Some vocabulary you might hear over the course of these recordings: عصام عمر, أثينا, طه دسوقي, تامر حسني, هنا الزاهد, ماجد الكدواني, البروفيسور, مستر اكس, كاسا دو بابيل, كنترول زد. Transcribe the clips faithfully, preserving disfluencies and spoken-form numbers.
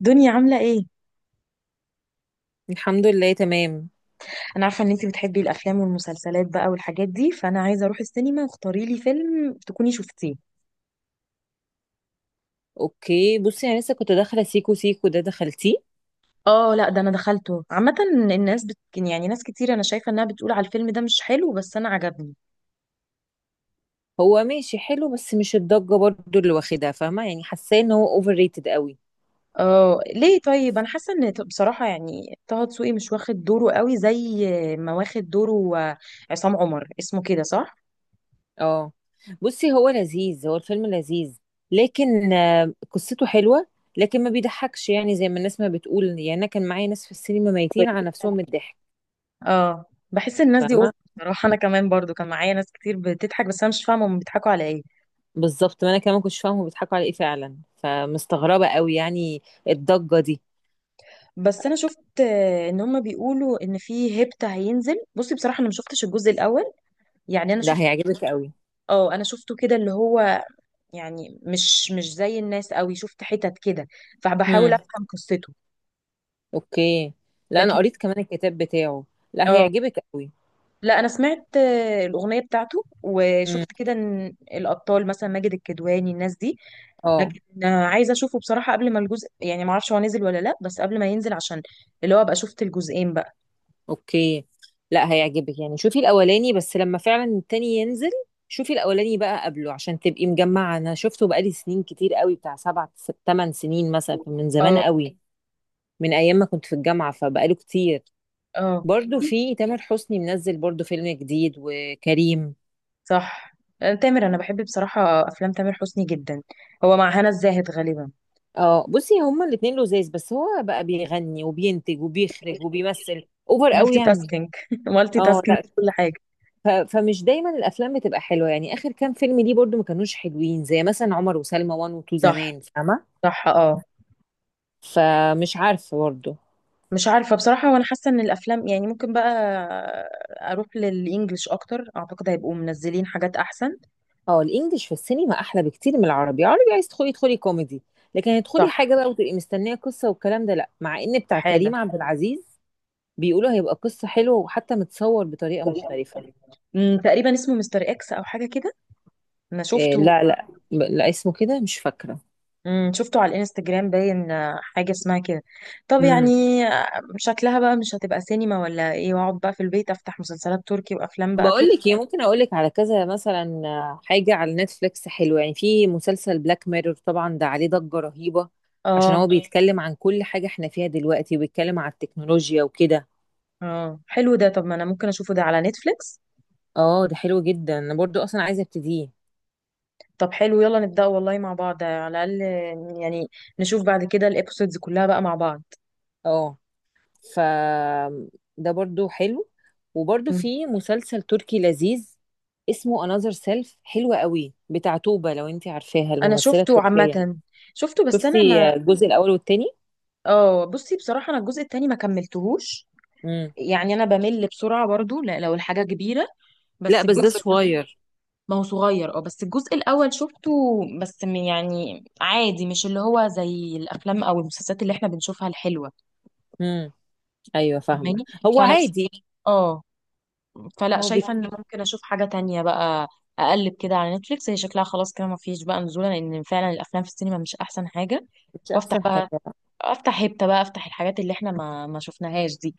دنيا عاملة ايه؟ الحمد لله تمام. انا عارفة ان انتي بتحبي الافلام والمسلسلات بقى والحاجات دي، فانا عايزة اروح السينما واختاري لي فيلم تكوني شفتيه. اوكي بصي انا لسه كنت داخله سيكو سيكو ده دخلتيه؟ اه لا، ده انا دخلته عامة. الناس بت... يعني ناس كتير انا شايفة انها بتقول على الفيلم ده مش حلو، بس انا عجبني. هو ماشي حلو بس مش الضجه برضو اللي واخدها فاهمه، يعني حاساه ان هو اوفر ريتد قوي. اه، ليه؟ طيب انا حاسة ان ط- بصراحة يعني طه دسوقي مش واخد دوره قوي زي ما واخد دوره. آه، عصام عمر اسمه كده صح؟ اه بصي هو لذيذ، هو الفيلم لذيذ، لكن آه، قصته حلوه، لكن ما بيضحكش، يعني زي ما الناس ما بتقول، يعني انا كان معايا ناس في السينما ميتين على نفسهم من الضحك. اه، بحس الناس دي فاهمه. اوفر. بصراحة انا كمان برضو كان معايا ناس كتير بتضحك، بس انا مش فاهمة هم بيضحكوا على ايه. بالظبط، ما انا كمان كنتش فاهمه بيضحكوا على ايه فعلا، فمستغربه قوي يعني الضجه دي. بس انا شفت آه، ان هما بيقولوا ان في هيبت هينزل. بصي بصراحه انا ما شفتش الجزء الاول، يعني انا لا شفت هيعجبك قوي. اه انا شفته كده اللي هو، يعني مش مش زي الناس قوي، شفت حتت كده فبحاول افهم قصته. اوكي. لا انا لكن قريت كمان الكتاب بتاعه. لا اه هيعجبك قوي. لا، انا سمعت آه، الاغنيه بتاعته امم. وشفت كده إن الابطال مثلا ماجد الكدواني الناس دي، اه. لكن آه، عايزه اشوفه بصراحه قبل ما الجزء، يعني ما اعرفش هو نزل ولا لا، بس قبل ما ينزل عشان اللي هو ابقى شفت الجزئين بقى. اوكي. لا هيعجبك، يعني شوفي الاولاني بس لما فعلا التاني ينزل. شوفي الاولاني بقى قبله عشان تبقي مجمعه، انا شفته بقالي سنين كتير قوي، بتاع سبع ست- تمن سنين مثلا من زمان اه. قوي. من ايام ما كنت في الجامعه، فبقاله كتير. اه، برضو في تامر حسني منزل برضو فيلم جديد، وكريم. صح. آه، تامر، انا بحب بصراحه افلام تامر حسني جدا، هو مع هنا الزاهد غالبا. اه بصي هما الاتنين لذاذ، بس هو بقى بيغني وبينتج وبيخرج وبيمثل اوفر قوي مالتي يعني. تاسكينج مالتي اه تاسكينج لا. في كل حاجه. ف فمش دايمًا الأفلام بتبقى حلوة، يعني آخر كام فيلم ليه برضه ما كانوش حلوين، زي مثلًا عُمر وسلمى واحد و2 صح، زمان، فاهمة؟ صح، اه. فمش عارفة برضه. مش عارفه بصراحه، وانا حاسه ان الافلام يعني ممكن بقى اروح للانجليش اكتر، اعتقد هيبقوا منزلين حاجات احسن. آه، الإنجليش في السينما أحلى بكتير من العربي، العربي عايزة تدخلي ادخلي كوميدي، لكن صح. هتدخلي حاجة بقى وتبقي مستنية قصة والكلام ده لأ، مع إن بتاع استحاله. كريم عبد العزيز بيقولوا هيبقى قصة حلوة وحتى متصور بطريقة طريقة مختلفة. مختلفة. أمم، تقريبا اسمه مستر اكس او حاجه كده، انا آآ، شفته. لأ، لأ، ب لأ اسمه كده مش فاكرة. امم شفته على الانستجرام، باين آه، حاجة اسمها كده. طب يعني إمم. آه، شكلها بقى مش هتبقى سينما ولا ايه، واقعد بقى في البيت افتح مسلسلات تركي وافلام بقى بقول تركي. لك ايه، ممكن اقول لك على كذا مثلا آه، حاجه على نتفليكس حلوه، يعني في مسلسل بلاك ميرور، طبعا ده عليه ضجه رهيبه عشان هو اه اه. بيتكلم عن كل حاجه احنا فيها دلوقتي، وبيتكلم عن التكنولوجيا وكده. اه، حلو ده، طب ما انا ممكن اشوفه ده على نتفليكس. اه ده حلو جدا، انا برضو اصلا عايزه ابتديه. طب حلو، يلا نبدأ والله مع بعض، على الاقل آه، يعني نشوف بعد كده الابيسودز كلها بقى مع بعض. اه. ف ده برضو حلو. وبرضو مم. في مسلسل تركي لذيذ اسمه انذر سيلف، حلو قوي، بتاع توبة لو انت عارفاها انا الممثله شفته التركيه. عامة، شفته بس انا ما شفتي الجزء الاول والتاني؟ اه بصي، بصراحة انا الجزء التاني ما كملتهوش، امم. يعني انا بمل بسرعة برضو لا- لو الحاجة كبيرة. لا بس بس ده الجزء، صغير. ما هو صغير اه، بس الجزء الاول شفته، بس م- يعني عادي، مش اللي هو زي الافلام او المسلسلات اللي احنا بنشوفها الحلوه. ايوه فاهمه. فاهماني، هو فنفس. عادي يعني. اه، فلا هو شايفه بيك- ان ممكن اشوف حاجه تانية بقى، اقلب كده على نتفليكس، هي شكلها خلاص كده ما فيش بقى نزوله، لان فعلا الافلام في السينما مش احسن حاجه. مش وافتح احسن بقى، حاجه. افتح هيبتا بقى، افتح الحاجات اللي احنا ما ما شفناهاش دي،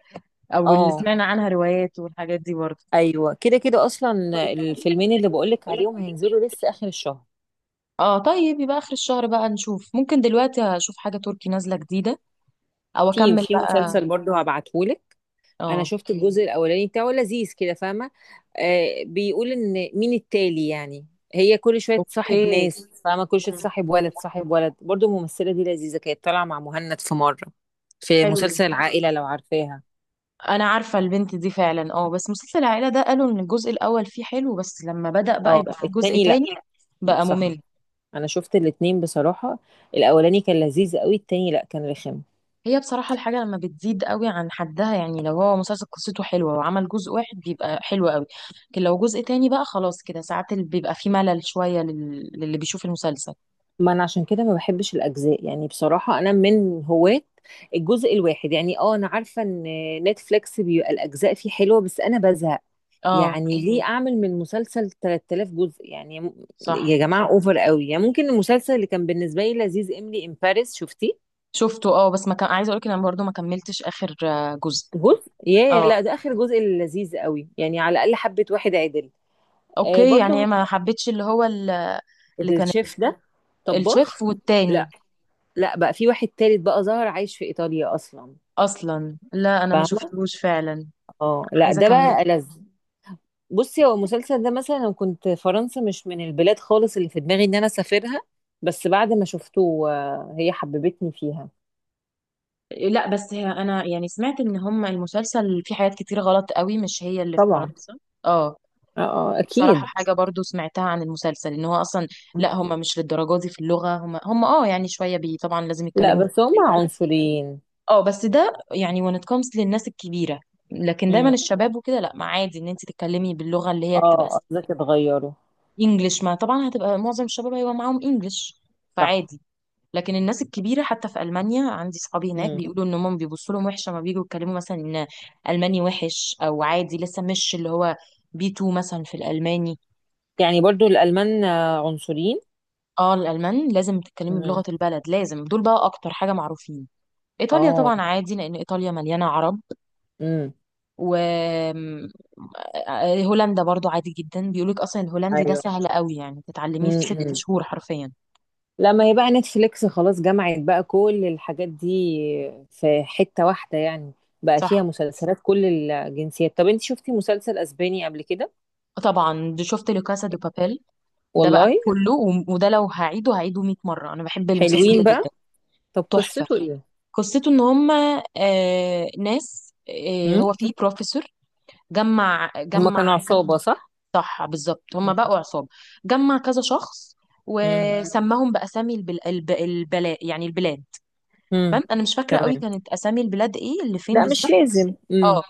او اللي اه. سمعنا عنها روايات والحاجات دي برضه. ايوه كده كده اصلا. الفيلمين اللي بقولك عليهم هينزلوا لسه اخر الشهر. اه، طيب يبقى اخر الشهر بقى نشوف. ممكن دلوقتي اشوف حاجة تركي نازلة جديدة او في اكمل في بقى. مسلسل برضه هبعتهولك. انا اه. شفت الجزء الاولاني بتاعه لذيذ كده، فاهمه. آه بيقول ان مين التالي يعني، هي كل شويه تصاحب اوكي. ناس، فاهمه كل شويه مم. تصاحب ولد تصاحب ولد، برضه الممثله دي لذيذه، كانت طالعه مع مهند في مره في حلو ده، مسلسل العائله لو عارفاها. انا عارفة البنت دي فعلا. اه، بس مسلسل العائلة ده قالوا ان الجزء الاول فيه حلو، بس لما بدأ بقى يبقى اه فيه جزء التاني لا. تاني بقى صح. ممل. انا شفت الاتنين بصراحة، الاولاني كان لذيذ قوي، التاني لا كان رخم. هي بصراحة الحاجة لما بتزيد قوي عن حدها، يعني لو هو مسلسل قصته حلوة وعمل جزء واحد بيبقى حلو قوي، لكن لو جزء تاني بقى خلاص كده، ساعات ال- بيبقى فيه ملل شوية لل... للي بيشوف المسلسل. ما انا عشان كده ما بحبش الاجزاء، يعني بصراحة انا من هواة الجزء الواحد يعني. اه انا عارفة ان نتفليكس بيبقى الاجزاء فيه حلوة بس انا بزهق. اه، يعني ليه، ايوه ليه اعمل من مسلسل تلاتة آلاف جزء يعني، م- صح. يا جماعة اوفر قوي يعني. ممكن المسلسل اللي كان بالنسبة لي لذيذ املي ان باريس، شفتيه؟ شفته، اه، بس ما كان عايزه اقولك إن انا برضو ما كملتش اخر آه، جزء. جزء ياه. اه، لا ده اخر جزء اللي لذيذ قوي، يعني على الاقل حبة واحد عدل. آه اوكي، يعني برضه ما حبيتش اللي هو ال- اللي كان الشيف ده، الشيف طباخ. والتاني، لا لا بقى في واحد تالت بقى، ظهر عايش في ايطاليا اصلا. اصلا لا انا ما فاهمه. شفتهوش فعلا، اه لا عايزه ده اكمل. بقى ألذ. بصي هو المسلسل ده مثلا، انا كنت فرنسا مش من البلاد خالص اللي في دماغي ان انا اسافرها، بس بعد ما شفته آه، هي حببتني فيها. لا بس هي انا يعني سمعت ان هم المسلسل فيه حاجات كتير غلط قوي، مش هي اللي في طبعا. فرنسا. اه، اه آه، بصراحه اكيد. حاجه برضو سمعتها عن المسلسل، ان هو اصلا لا هم مش للدرجه دي في اللغه، هم هم اه يعني شويه، بي طبعا لازم لا يتكلموا في بس هما البلد. عنصريين. اه بس ده يعني when it comes للناس الكبيرة، لكن دايما امم. الشباب وكده لا، ما عادي ان انت تتكلمي باللغة اللي هي بتبقى اه قصدك اتغيروا. انجلش، ما طبعا هتبقى معظم الشباب هيبقى معاهم انجلش صح. فعادي. لكن الناس الكبيرة حتى في ألمانيا، عندي صحابي هناك امم. بيقولوا ان هم بيبصوا لهم وحشة ما بييجوا يتكلموا مثلا ان ألماني وحش، او عادي لسه مش اللي هو بي اتنين مثلا في الألماني. يعني برضو الالمان آه، عنصريين. اه، الألمان لازم تتكلمي امم. بلغة البلد، لازم دول بقى اكتر حاجة معروفين. إيطاليا اه. طبعا عادي لأن إيطاليا مليانة عرب، امم. وهولندا برضو عادي جدا، بيقولك اصلا الهولندي ده ايوه. سهل قوي يعني تتعلميه في ست امم. شهور حرفيا. لما هي بقى نتفليكس خلاص جمعت بقى كل الحاجات دي في حتة واحدة يعني، بقى فيها صح، مسلسلات كل الجنسيات. طب انت شفتي مسلسل اسباني قبل كده؟ طبعا دي شفت لو كاسا دو بابيل، ده بقى والله كله و- وده لو هعيده هعيده مئة مره، انا بحب المسلسل حلوين ده بقى. جدا، طب تحفه. قصته ايه؟ قصته ان هم آه ناس، آه هم هو في بروفيسور، جمع هما جمع كانوا ك- عصابة صح؟ صح بالظبط، هم بقوا عصابه، جمع كذا شخص امم. وسماهم باسامي البل... الب... البلا... يعني البلاد. امم. تمام، انا مش فاكره قوي تمام. كانت اسامي البلاد ايه اللي فين لا مش بالظبط. لازم. امم. اه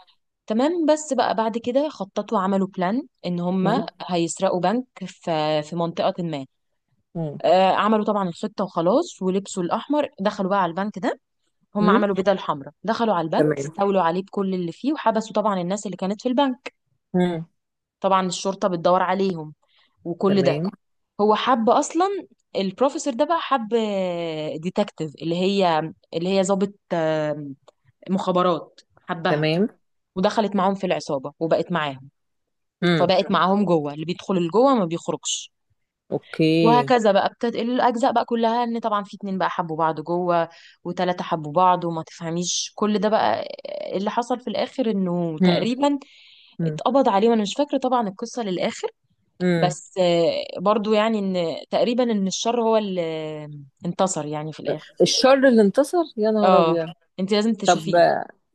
تمام، بس بقى بعد كده خططوا، عملوا بلان ان هم هيسرقوا بنك في في منطقه ما. امم. آه عملوا طبعا الخطه وخلاص، ولبسوا الاحمر، دخلوا بقى على البنك ده، هم امم. عملوا بدل حمراء، دخلوا على البنك تمام. استولوا عليه بكل اللي فيه، وحبسوا طبعا الناس اللي كانت في البنك. امم. طبعا الشرطه بتدور عليهم وكل ده. تمام. هو حب اصلا، البروفيسور ده بقى حب ديتكتيف، اللي هي اللي هي ضابط آه، مخابرات، حبها تمام. ودخلت معاهم في العصابة وبقت معاهم. امم. فبقت معاهم جوه، اللي بيدخل لجوه ما بيخرجش. اوكي. وهكذا بقى بتنقل الأجزاء بقى كلها، إن طبعا في اتنين بقى حبوا بعض جوه، وتلاتة حبوا بعض وما تفهميش كل ده بقى. اللي حصل في الآخر إنه امم. تقريبا اتقبض عليه، وأنا مش فاكرة طبعا القصة للآخر، امم. بس آه، برضو يعني إن تقريبا إن الشر هو اللي انتصر يعني في الآخر. الشر اللي انتصر، يا نهار اه، ابيض! انت لازم طب تشوفيه.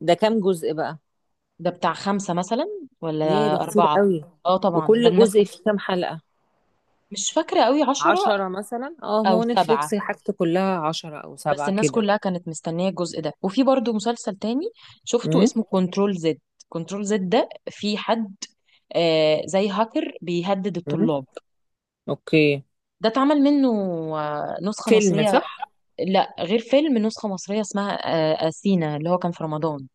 ده كام جزء بقى؟ ده بتاع خمسة مثلا ياه ولا ده كتير أربعة. قوي. اه طبعا ده وكل الناس، جزء فيه كام حلقة؟ مش فاكرة قوي، عشرة عشرة مثلا، اه ما أو هو سبعة. نتفليكس حاجته كلها عشرة او بس سبعة الناس كده. كلها كانت مستنية الجزء ده. وفي برضو مسلسل تاني شفته امم. اسمه كنترول زد. كنترول زد، ده في حد آه زي هاكر بيهدد امم. الطلاب. اوكي. ده اتعمل منه آه نسخة فيلم مصرية، صح؟ لا غير فيلم، نسخة مصرية اسمها آه أثينا اللي هو كان في رمضان.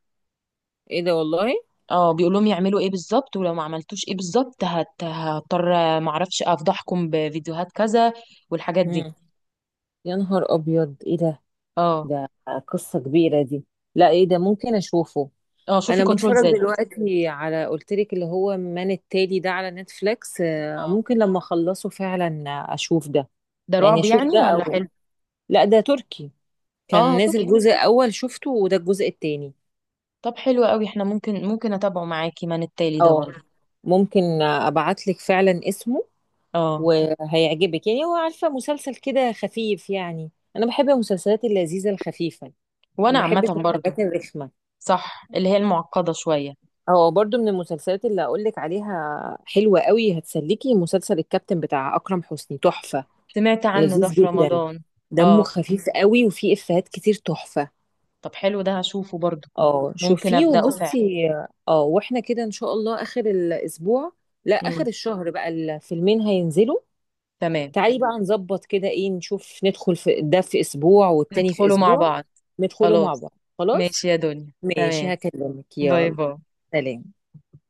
ايه ده والله. اه، بيقول لهم يعملوا ايه بالظبط، ولو ما عملتوش ايه بالظبط هت- هضطر آه، معرفش افضحكم بفيديوهات كذا والحاجات دي. امم. يا نهار ابيض ايه ده! اه. ده قصة كبيرة دي. لا ايه ده، ممكن اشوفه. اه، شوفي انا كنترول بتفرج زد. دلوقتي على قلتلك اللي هو من التالي ده على نتفليكس، آه، ممكن لما اخلصه فعلا اشوف ده. ده يعني رعب اشوف يعني ده، ولا حلو؟ او لا ده تركي كان اه، طب، نازل جزء اول شفته، وده الجزء التاني. طب حلو قوي، احنا ممكن ممكن اتابعه معاكي من التالي ده اه برضه. ممكن ابعتلك فعلا اسمه، اه، وهيعجبك يعني، هو عارفه مسلسل كده خفيف يعني. انا بحب المسلسلات اللذيذه الخفيفه، ما وانا عامه بحبش برضه. الحاجات الرخمه. صح، اللي هي المعقده شويه. اه برضو من المسلسلات اللي اقولك عليها حلوه قوي هتسليكي مسلسل الكابتن بتاع اكرم حسني، تحفه. سمعت عنه ده لذيذ في جدا، رمضان. دمه اه، خفيف قوي وفيه افيهات كتير تحفه. طب حلو ده هشوفه برضه، اه ممكن شوفيه. مم. ابداه فعلا. وبصي، اه واحنا كده ان شاء الله اخر الاسبوع، لا امم، اخر الشهر بقى الفيلمين هينزلوا. تمام. تعالي بقى نظبط كده، ايه نشوف، ندخل في ده في اسبوع والتاني في ندخله مع اسبوع. بعض ندخله مع خلاص. بعض خلاص. ماشي يا دنيا، ماشي تمام. هكلمك، باي يلا باي. سلام.